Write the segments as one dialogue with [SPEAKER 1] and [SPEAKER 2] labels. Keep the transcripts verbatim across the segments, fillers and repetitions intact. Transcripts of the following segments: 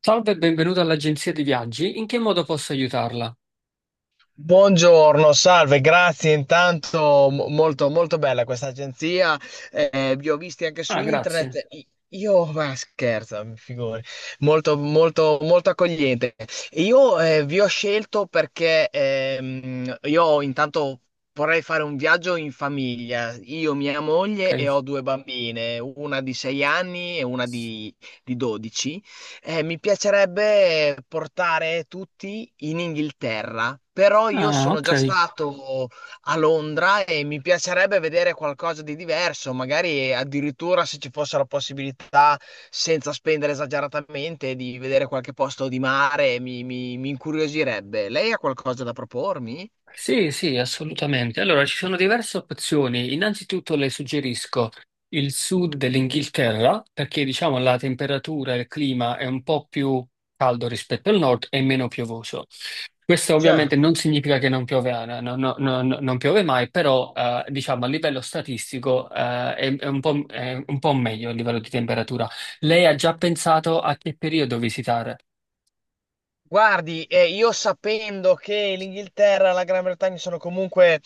[SPEAKER 1] Salve e benvenuto all'agenzia di viaggi. In che modo posso aiutarla?
[SPEAKER 2] Buongiorno, salve, grazie intanto, mo- molto, molto bella questa agenzia, eh, vi ho visti anche su
[SPEAKER 1] Ah, grazie.
[SPEAKER 2] internet, I- io, ma scherzo, mi figuri, molto, molto, molto accogliente. Io eh, vi ho scelto perché ehm, io intanto vorrei fare un viaggio in famiglia, io, mia moglie e
[SPEAKER 1] Ok.
[SPEAKER 2] ho due bambine, una di sei anni e una di, di dodici. Eh, mi piacerebbe portare tutti in Inghilterra, però io
[SPEAKER 1] Ah,
[SPEAKER 2] sono
[SPEAKER 1] ok.
[SPEAKER 2] già stato a Londra e mi piacerebbe vedere qualcosa di diverso, magari addirittura se ci fosse la possibilità, senza spendere esageratamente, di vedere qualche posto di mare, mi, mi mi incuriosirebbe. Lei ha qualcosa da propormi?
[SPEAKER 1] Sì, sì, assolutamente. Allora, ci sono diverse opzioni. Innanzitutto le suggerisco il sud dell'Inghilterra, perché diciamo la temperatura e il clima è un po' più caldo rispetto al nord e meno piovoso. Questo ovviamente
[SPEAKER 2] Certo.
[SPEAKER 1] non significa che non piove, eh, no- no- no- no- non piove mai, però eh, diciamo a livello statistico eh, è, è un po', m- è un po' meglio a livello di temperatura. Lei ha già pensato a che periodo visitare?
[SPEAKER 2] Guardi, eh, io sapendo che l'Inghilterra e la Gran Bretagna sono comunque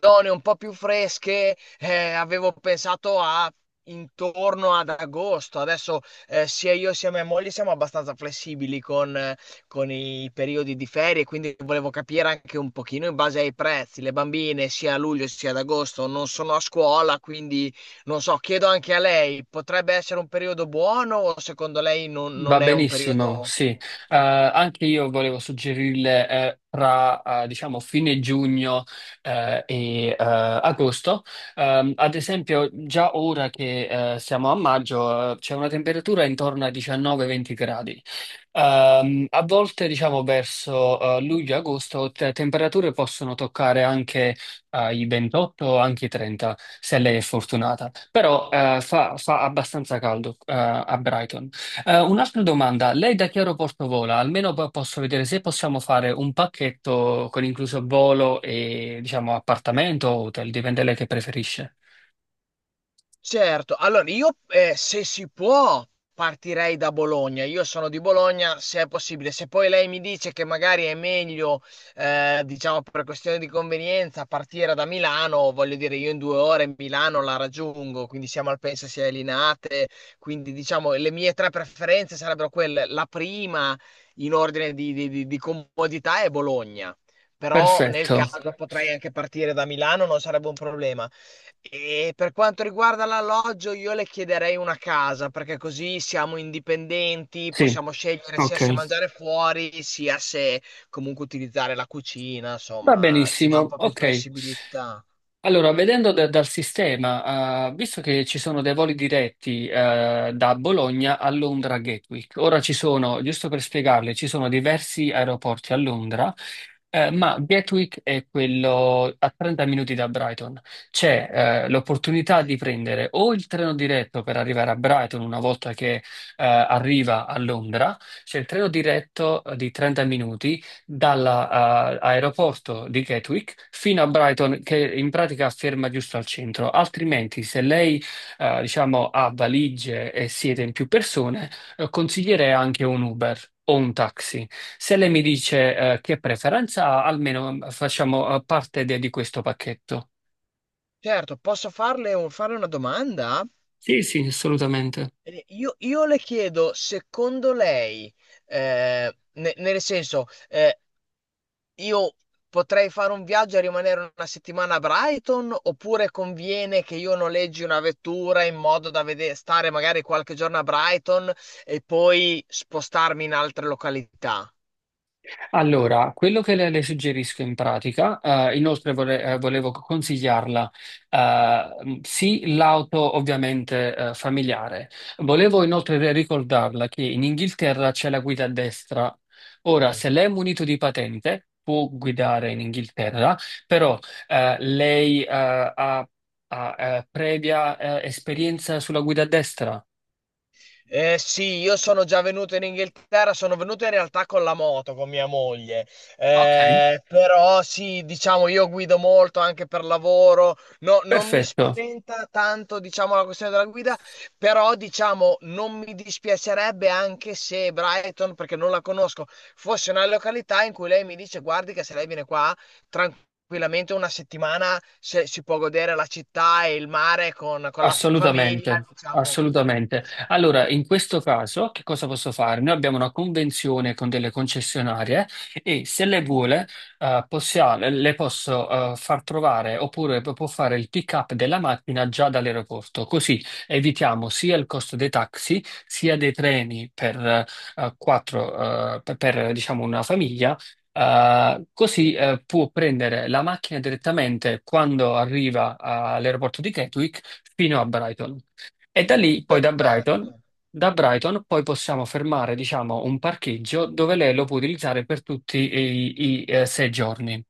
[SPEAKER 2] zone un po' più fresche, eh, avevo pensato a intorno ad agosto. Adesso eh, sia io sia mia moglie siamo abbastanza flessibili con, eh, con i periodi di ferie, quindi volevo capire anche un pochino in base ai prezzi. Le bambine sia a luglio sia ad agosto non sono a scuola, quindi non so, chiedo anche a lei, potrebbe essere un periodo buono o secondo lei non non
[SPEAKER 1] Va
[SPEAKER 2] è un
[SPEAKER 1] benissimo,
[SPEAKER 2] periodo...
[SPEAKER 1] sì. Eh, anche io volevo suggerirle eh, tra eh, diciamo fine giugno eh, e eh, agosto. Ehm, ad esempio, già ora che eh, siamo a maggio, eh, c'è una temperatura intorno ai diciannove venti gradi. Ehm, a volte, diciamo, verso eh, luglio-agosto, te- temperature possono toccare anche eh, i ventotto, anche i trenta, se lei è fortunata. Però eh, fa, fa abbastanza caldo eh, a Brighton. Eh, un'altra domanda, lei da che aeroporto vola? Almeno po- posso vedere se possiamo fare un pacchetto con incluso volo e diciamo appartamento o hotel, dipende lei che preferisce.
[SPEAKER 2] Certo, allora io eh, se si può partirei da Bologna, io sono di Bologna se è possibile, se poi lei mi dice che magari è meglio, eh, diciamo per questione di convenienza, partire da Milano, voglio dire io in due ore Milano la raggiungo, quindi siamo al penso sia a Linate, quindi diciamo le mie tre preferenze sarebbero quelle, la prima in ordine di, di di- di comodità è Bologna, però nel
[SPEAKER 1] Perfetto,
[SPEAKER 2] caso potrei anche partire da Milano, non sarebbe un problema. E per quanto riguarda l'alloggio, io le chiederei una casa, perché così siamo indipendenti,
[SPEAKER 1] sì,
[SPEAKER 2] possiamo scegliere sia
[SPEAKER 1] ok,
[SPEAKER 2] se mangiare fuori, sia se comunque utilizzare la cucina,
[SPEAKER 1] va
[SPEAKER 2] insomma, ci dà un
[SPEAKER 1] benissimo,
[SPEAKER 2] po' più
[SPEAKER 1] ok.
[SPEAKER 2] flessibilità.
[SPEAKER 1] Allora, vedendo da- dal sistema, eh, visto che ci sono dei voli diretti, eh, da Bologna a Londra Gatwick, ora ci sono, giusto per spiegarle, ci sono diversi aeroporti a Londra, eh, ma Gatwick è quello a trenta minuti da Brighton. C'è, eh,
[SPEAKER 2] Ok.
[SPEAKER 1] l'opportunità di prendere o il treno diretto per arrivare a Brighton una volta che, eh, arriva a Londra, c'è il treno diretto eh, di trenta minuti dall'aeroporto di Gatwick fino a Brighton, che in pratica ferma giusto al centro. Altrimenti, se lei, eh, diciamo, ha valigie e siete in più persone, eh, consiglierei anche un Uber. O un taxi. Se lei mi dice, eh, che preferenza ha, almeno eh, facciamo, eh, parte de- di questo pacchetto.
[SPEAKER 2] Certo, posso farle un- fare una domanda?
[SPEAKER 1] Sì, sì, assolutamente.
[SPEAKER 2] Eh, Io, io le chiedo, secondo lei, eh, ne- nel senso, eh, io potrei fare un viaggio e rimanere una settimana a Brighton, oppure conviene che io noleggi una vettura in modo da vede- stare magari qualche giorno a Brighton e poi spostarmi in altre località?
[SPEAKER 1] Allora, quello che le, le suggerisco in pratica, eh, inoltre vole- eh, volevo consigliarla, eh, sì, l'auto ovviamente eh, familiare. Volevo inoltre ricordarla che in Inghilterra c'è la guida a destra. Ora, se lei è munito di patente, può guidare in Inghilterra, però eh, lei eh, ha, ha, eh, previa eh, esperienza sulla guida a destra.
[SPEAKER 2] Eh sì, io sono già venuto in Inghilterra, sono venuto in realtà con la moto, con mia moglie.
[SPEAKER 1] Ok,
[SPEAKER 2] Eh, però sì, diciamo io guido molto anche per lavoro. No, non mi
[SPEAKER 1] perfetto.
[SPEAKER 2] spaventa tanto diciamo la questione della guida, però diciamo non mi dispiacerebbe anche se Brighton, perché non la conosco, fosse una località in cui lei mi dice guardi che se lei viene qua tranquillamente una settimana se- si può godere la città e il mare con, con la famiglia,
[SPEAKER 1] Assolutamente,
[SPEAKER 2] diciamo.
[SPEAKER 1] assolutamente. Allora, in questo caso, che cosa posso fare? Noi abbiamo una convenzione con delle concessionarie e se le vuole, eh, possia- le posso, eh, far trovare oppure p- può fare il pick-up della macchina già dall'aeroporto. Così evitiamo sia il costo dei taxi, sia dei treni per, eh, quattro, eh, per, per, diciamo, una famiglia. Uh, così eh, può prendere la macchina direttamente quando arriva all'aeroporto di Gatwick fino a Brighton. E da lì, poi da Brighton,
[SPEAKER 2] Perfetto,
[SPEAKER 1] da Brighton poi possiamo fermare, diciamo, un parcheggio dove lei lo può utilizzare per tutti i, i, eh, sei giorni.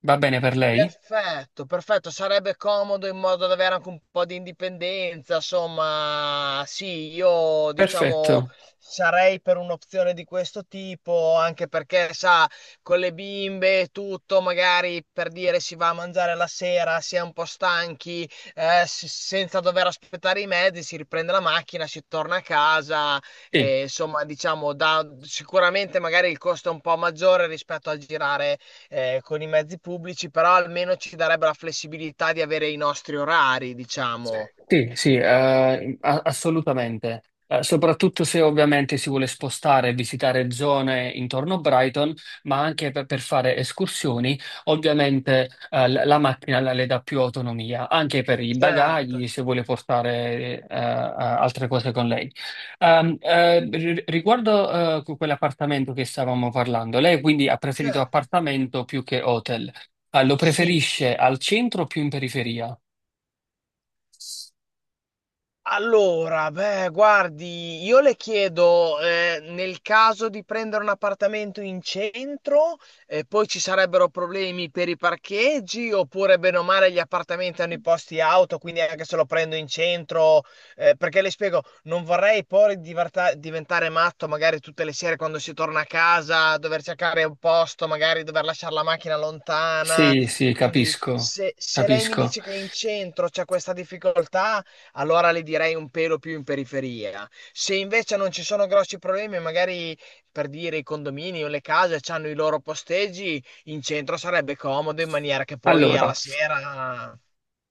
[SPEAKER 1] Va bene per lei?
[SPEAKER 2] perfetto, perfetto. Sarebbe comodo in modo da avere anche un po' di indipendenza. Insomma, sì, io diciamo
[SPEAKER 1] Perfetto.
[SPEAKER 2] sarei per un'opzione di questo tipo, anche perché, sa, con le bimbe e tutto, magari per dire si va a mangiare la sera, si è un po' stanchi, eh, s- senza dover aspettare i mezzi, si riprende la macchina, si torna a casa.
[SPEAKER 1] Sì.
[SPEAKER 2] E, insomma, diciamo, da, sicuramente magari il costo è un po' maggiore rispetto al girare eh, con i mezzi pubblici, però almeno ci darebbe la flessibilità di avere i nostri orari, diciamo.
[SPEAKER 1] Sì, sì, eh, a- assolutamente. Eh, soprattutto se ovviamente si vuole spostare e visitare zone intorno a Brighton, ma anche per, per fare escursioni, ovviamente eh, la la macchina la- le dà più autonomia, anche per i
[SPEAKER 2] Certo,
[SPEAKER 1] bagagli, se vuole portare eh, eh, altre cose con lei. Ehm, eh, ri- riguardo eh, que- quell'appartamento che stavamo parlando, lei quindi ha preferito
[SPEAKER 2] certo.
[SPEAKER 1] appartamento più che hotel. Eh, lo
[SPEAKER 2] Sì,
[SPEAKER 1] preferisce al centro o più in periferia?
[SPEAKER 2] allora, beh, guardi, io le chiedo, eh, nel caso di prendere un appartamento in centro, eh, poi ci sarebbero problemi per i parcheggi, oppure bene o male gli appartamenti hanno i posti auto, quindi anche se lo prendo in centro, eh, perché le spiego, non vorrei poi divarta- diventare matto magari tutte le sere quando si torna a casa, dover cercare un posto, magari dover lasciare la macchina lontana.
[SPEAKER 1] Sì, sì,
[SPEAKER 2] Quindi
[SPEAKER 1] capisco,
[SPEAKER 2] se, se lei mi
[SPEAKER 1] capisco.
[SPEAKER 2] dice che in centro c'è questa difficoltà, allora li direi un pelo più in periferia. Se invece non ci sono grossi problemi, magari per dire i condomini o le case hanno i loro posteggi, in centro sarebbe comodo in maniera che poi alla
[SPEAKER 1] Allora,
[SPEAKER 2] sera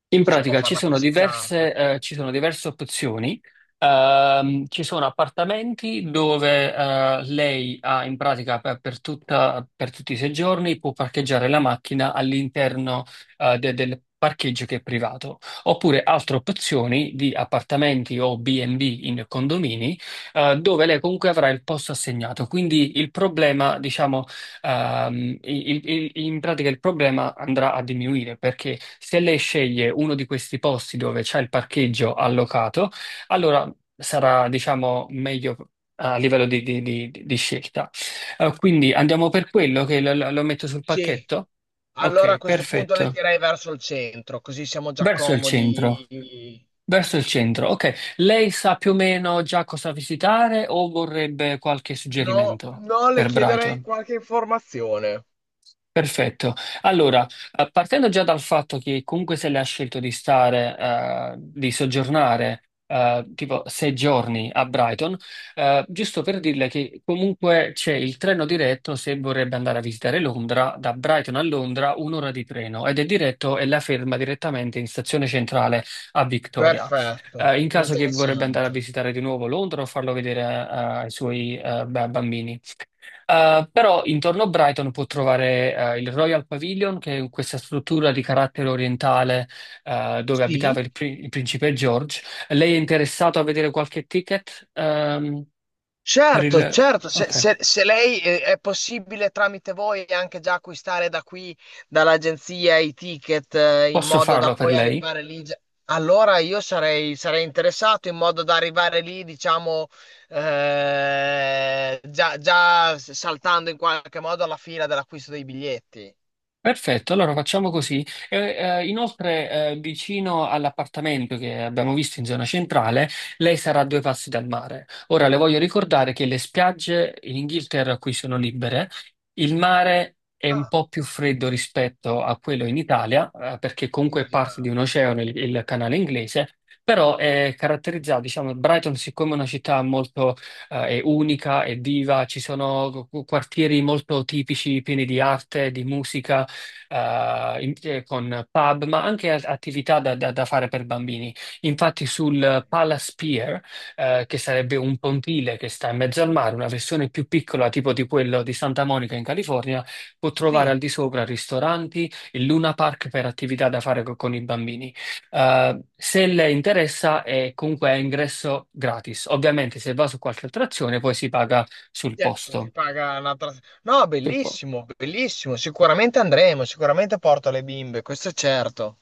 [SPEAKER 1] in
[SPEAKER 2] si può
[SPEAKER 1] pratica
[SPEAKER 2] fare
[SPEAKER 1] ci
[SPEAKER 2] una
[SPEAKER 1] sono diverse,
[SPEAKER 2] passeggiata.
[SPEAKER 1] eh, ci sono diverse opzioni. Ehm, ci sono appartamenti dove eh, lei ha in pratica per, per tutta- per tutti i sei giorni può parcheggiare la macchina all'interno eh, de- del parcheggio che è privato. Oppure altre opzioni di appartamenti o B and B in condomini eh, dove lei comunque avrà il posto assegnato. Quindi il problema, diciamo. Ehm, il- il- in pratica il problema andrà a diminuire perché se lei sceglie uno di questi posti dove c'è il parcheggio allocato, allora sarà, diciamo, meglio a livello di, di- di- di scelta. Eh, quindi andiamo per quello che lo, lo- lo metto sul
[SPEAKER 2] Sì,
[SPEAKER 1] pacchetto?
[SPEAKER 2] allora a
[SPEAKER 1] Ok,
[SPEAKER 2] questo punto le
[SPEAKER 1] perfetto.
[SPEAKER 2] direi verso il centro, così siamo già
[SPEAKER 1] Verso il centro.
[SPEAKER 2] comodi.
[SPEAKER 1] Verso il centro. Ok, lei sa più o meno già cosa visitare o vorrebbe qualche
[SPEAKER 2] No,
[SPEAKER 1] suggerimento
[SPEAKER 2] no, le
[SPEAKER 1] per
[SPEAKER 2] chiederei
[SPEAKER 1] Brighton?
[SPEAKER 2] qualche informazione.
[SPEAKER 1] Perfetto. Allora, eh, partendo già dal fatto che comunque se lei ha scelto di stare, eh, di soggiornare, eh, tipo sei giorni a Brighton, eh, giusto per dirle che comunque c'è il treno diretto se vorrebbe andare a visitare Londra, da Brighton a Londra un'ora di treno ed è diretto e la ferma direttamente in stazione centrale a Victoria.
[SPEAKER 2] Perfetto,
[SPEAKER 1] Eh, in caso che vorrebbe andare a
[SPEAKER 2] interessante.
[SPEAKER 1] visitare di nuovo Londra o farlo vedere, eh, ai suoi, eh, ba- bambini. Eh, però intorno a Brighton può trovare eh, il Royal Pavilion, che è questa struttura di carattere orientale eh, dove abitava
[SPEAKER 2] Sì?
[SPEAKER 1] il, pri- il principe George. Lei è interessato a vedere qualche ticket ehm, per
[SPEAKER 2] Certo,
[SPEAKER 1] il...
[SPEAKER 2] certo, se,
[SPEAKER 1] Ok,
[SPEAKER 2] se- se lei eh, è possibile tramite voi anche già acquistare da qui, dall'agenzia, i ticket eh, in
[SPEAKER 1] posso
[SPEAKER 2] modo da
[SPEAKER 1] farlo per
[SPEAKER 2] poi
[SPEAKER 1] lei.
[SPEAKER 2] arrivare lì, già- allora io sarei, sarei interessato in modo da arrivare lì, diciamo, eh, già, già saltando in qualche modo alla fila dell'acquisto dei biglietti.
[SPEAKER 1] Perfetto, allora facciamo così. Eh, eh, inoltre, eh, vicino all'appartamento che abbiamo visto in zona centrale, lei sarà a due passi dal mare. Ora le voglio ricordare che le spiagge in Inghilterra qui sono libere, il mare è un
[SPEAKER 2] Ah,
[SPEAKER 1] po' più freddo rispetto a quello in Italia, eh, perché comunque è parte di
[SPEAKER 2] immaginavo.
[SPEAKER 1] un oceano, il, il canale inglese, però è caratterizzato, diciamo, Brighton siccome è una città molto eh, è unica, è viva, ci sono quartieri molto tipici, pieni di arte, di musica eh, in- eh, con pub, ma anche a- attività da, da- da fare per bambini. Infatti, sul
[SPEAKER 2] Eh,
[SPEAKER 1] Palace Pier, eh, che sarebbe un pontile che sta in mezzo al mare, una versione più piccola, tipo di quello di Santa Monica in California, può trovare al
[SPEAKER 2] Sì.
[SPEAKER 1] di sopra ristoranti e Luna Park per attività da fare co- con i bambini. Eh, se le interessa, è comunque a ingresso gratis. Ovviamente, se va su qualche attrazione, poi si paga sul
[SPEAKER 2] Certo, si
[SPEAKER 1] posto.
[SPEAKER 2] paga una tras- no,
[SPEAKER 1] Sul posto.
[SPEAKER 2] bellissimo, bellissimo. Sicuramente andremo, sicuramente porto le bimbe, questo è certo.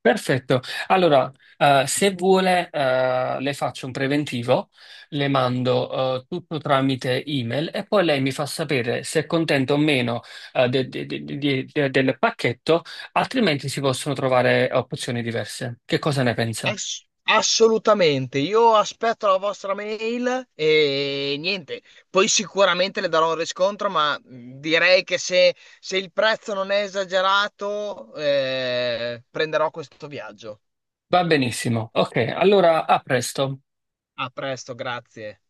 [SPEAKER 1] Perfetto. Allora, eh, se vuole, eh, le faccio un preventivo, le mando, eh, tutto tramite email e poi lei mi fa sapere se è contenta o meno, eh, de- de- de- de- de- del pacchetto, altrimenti si possono trovare opzioni diverse. Che cosa ne pensa?
[SPEAKER 2] Ass- assolutamente. Io aspetto la vostra mail e niente. Poi sicuramente le darò un riscontro, ma mh, direi che se, se il prezzo non è esagerato, eh, prenderò questo viaggio.
[SPEAKER 1] Va benissimo. Ok, allora a presto.
[SPEAKER 2] A presto, grazie.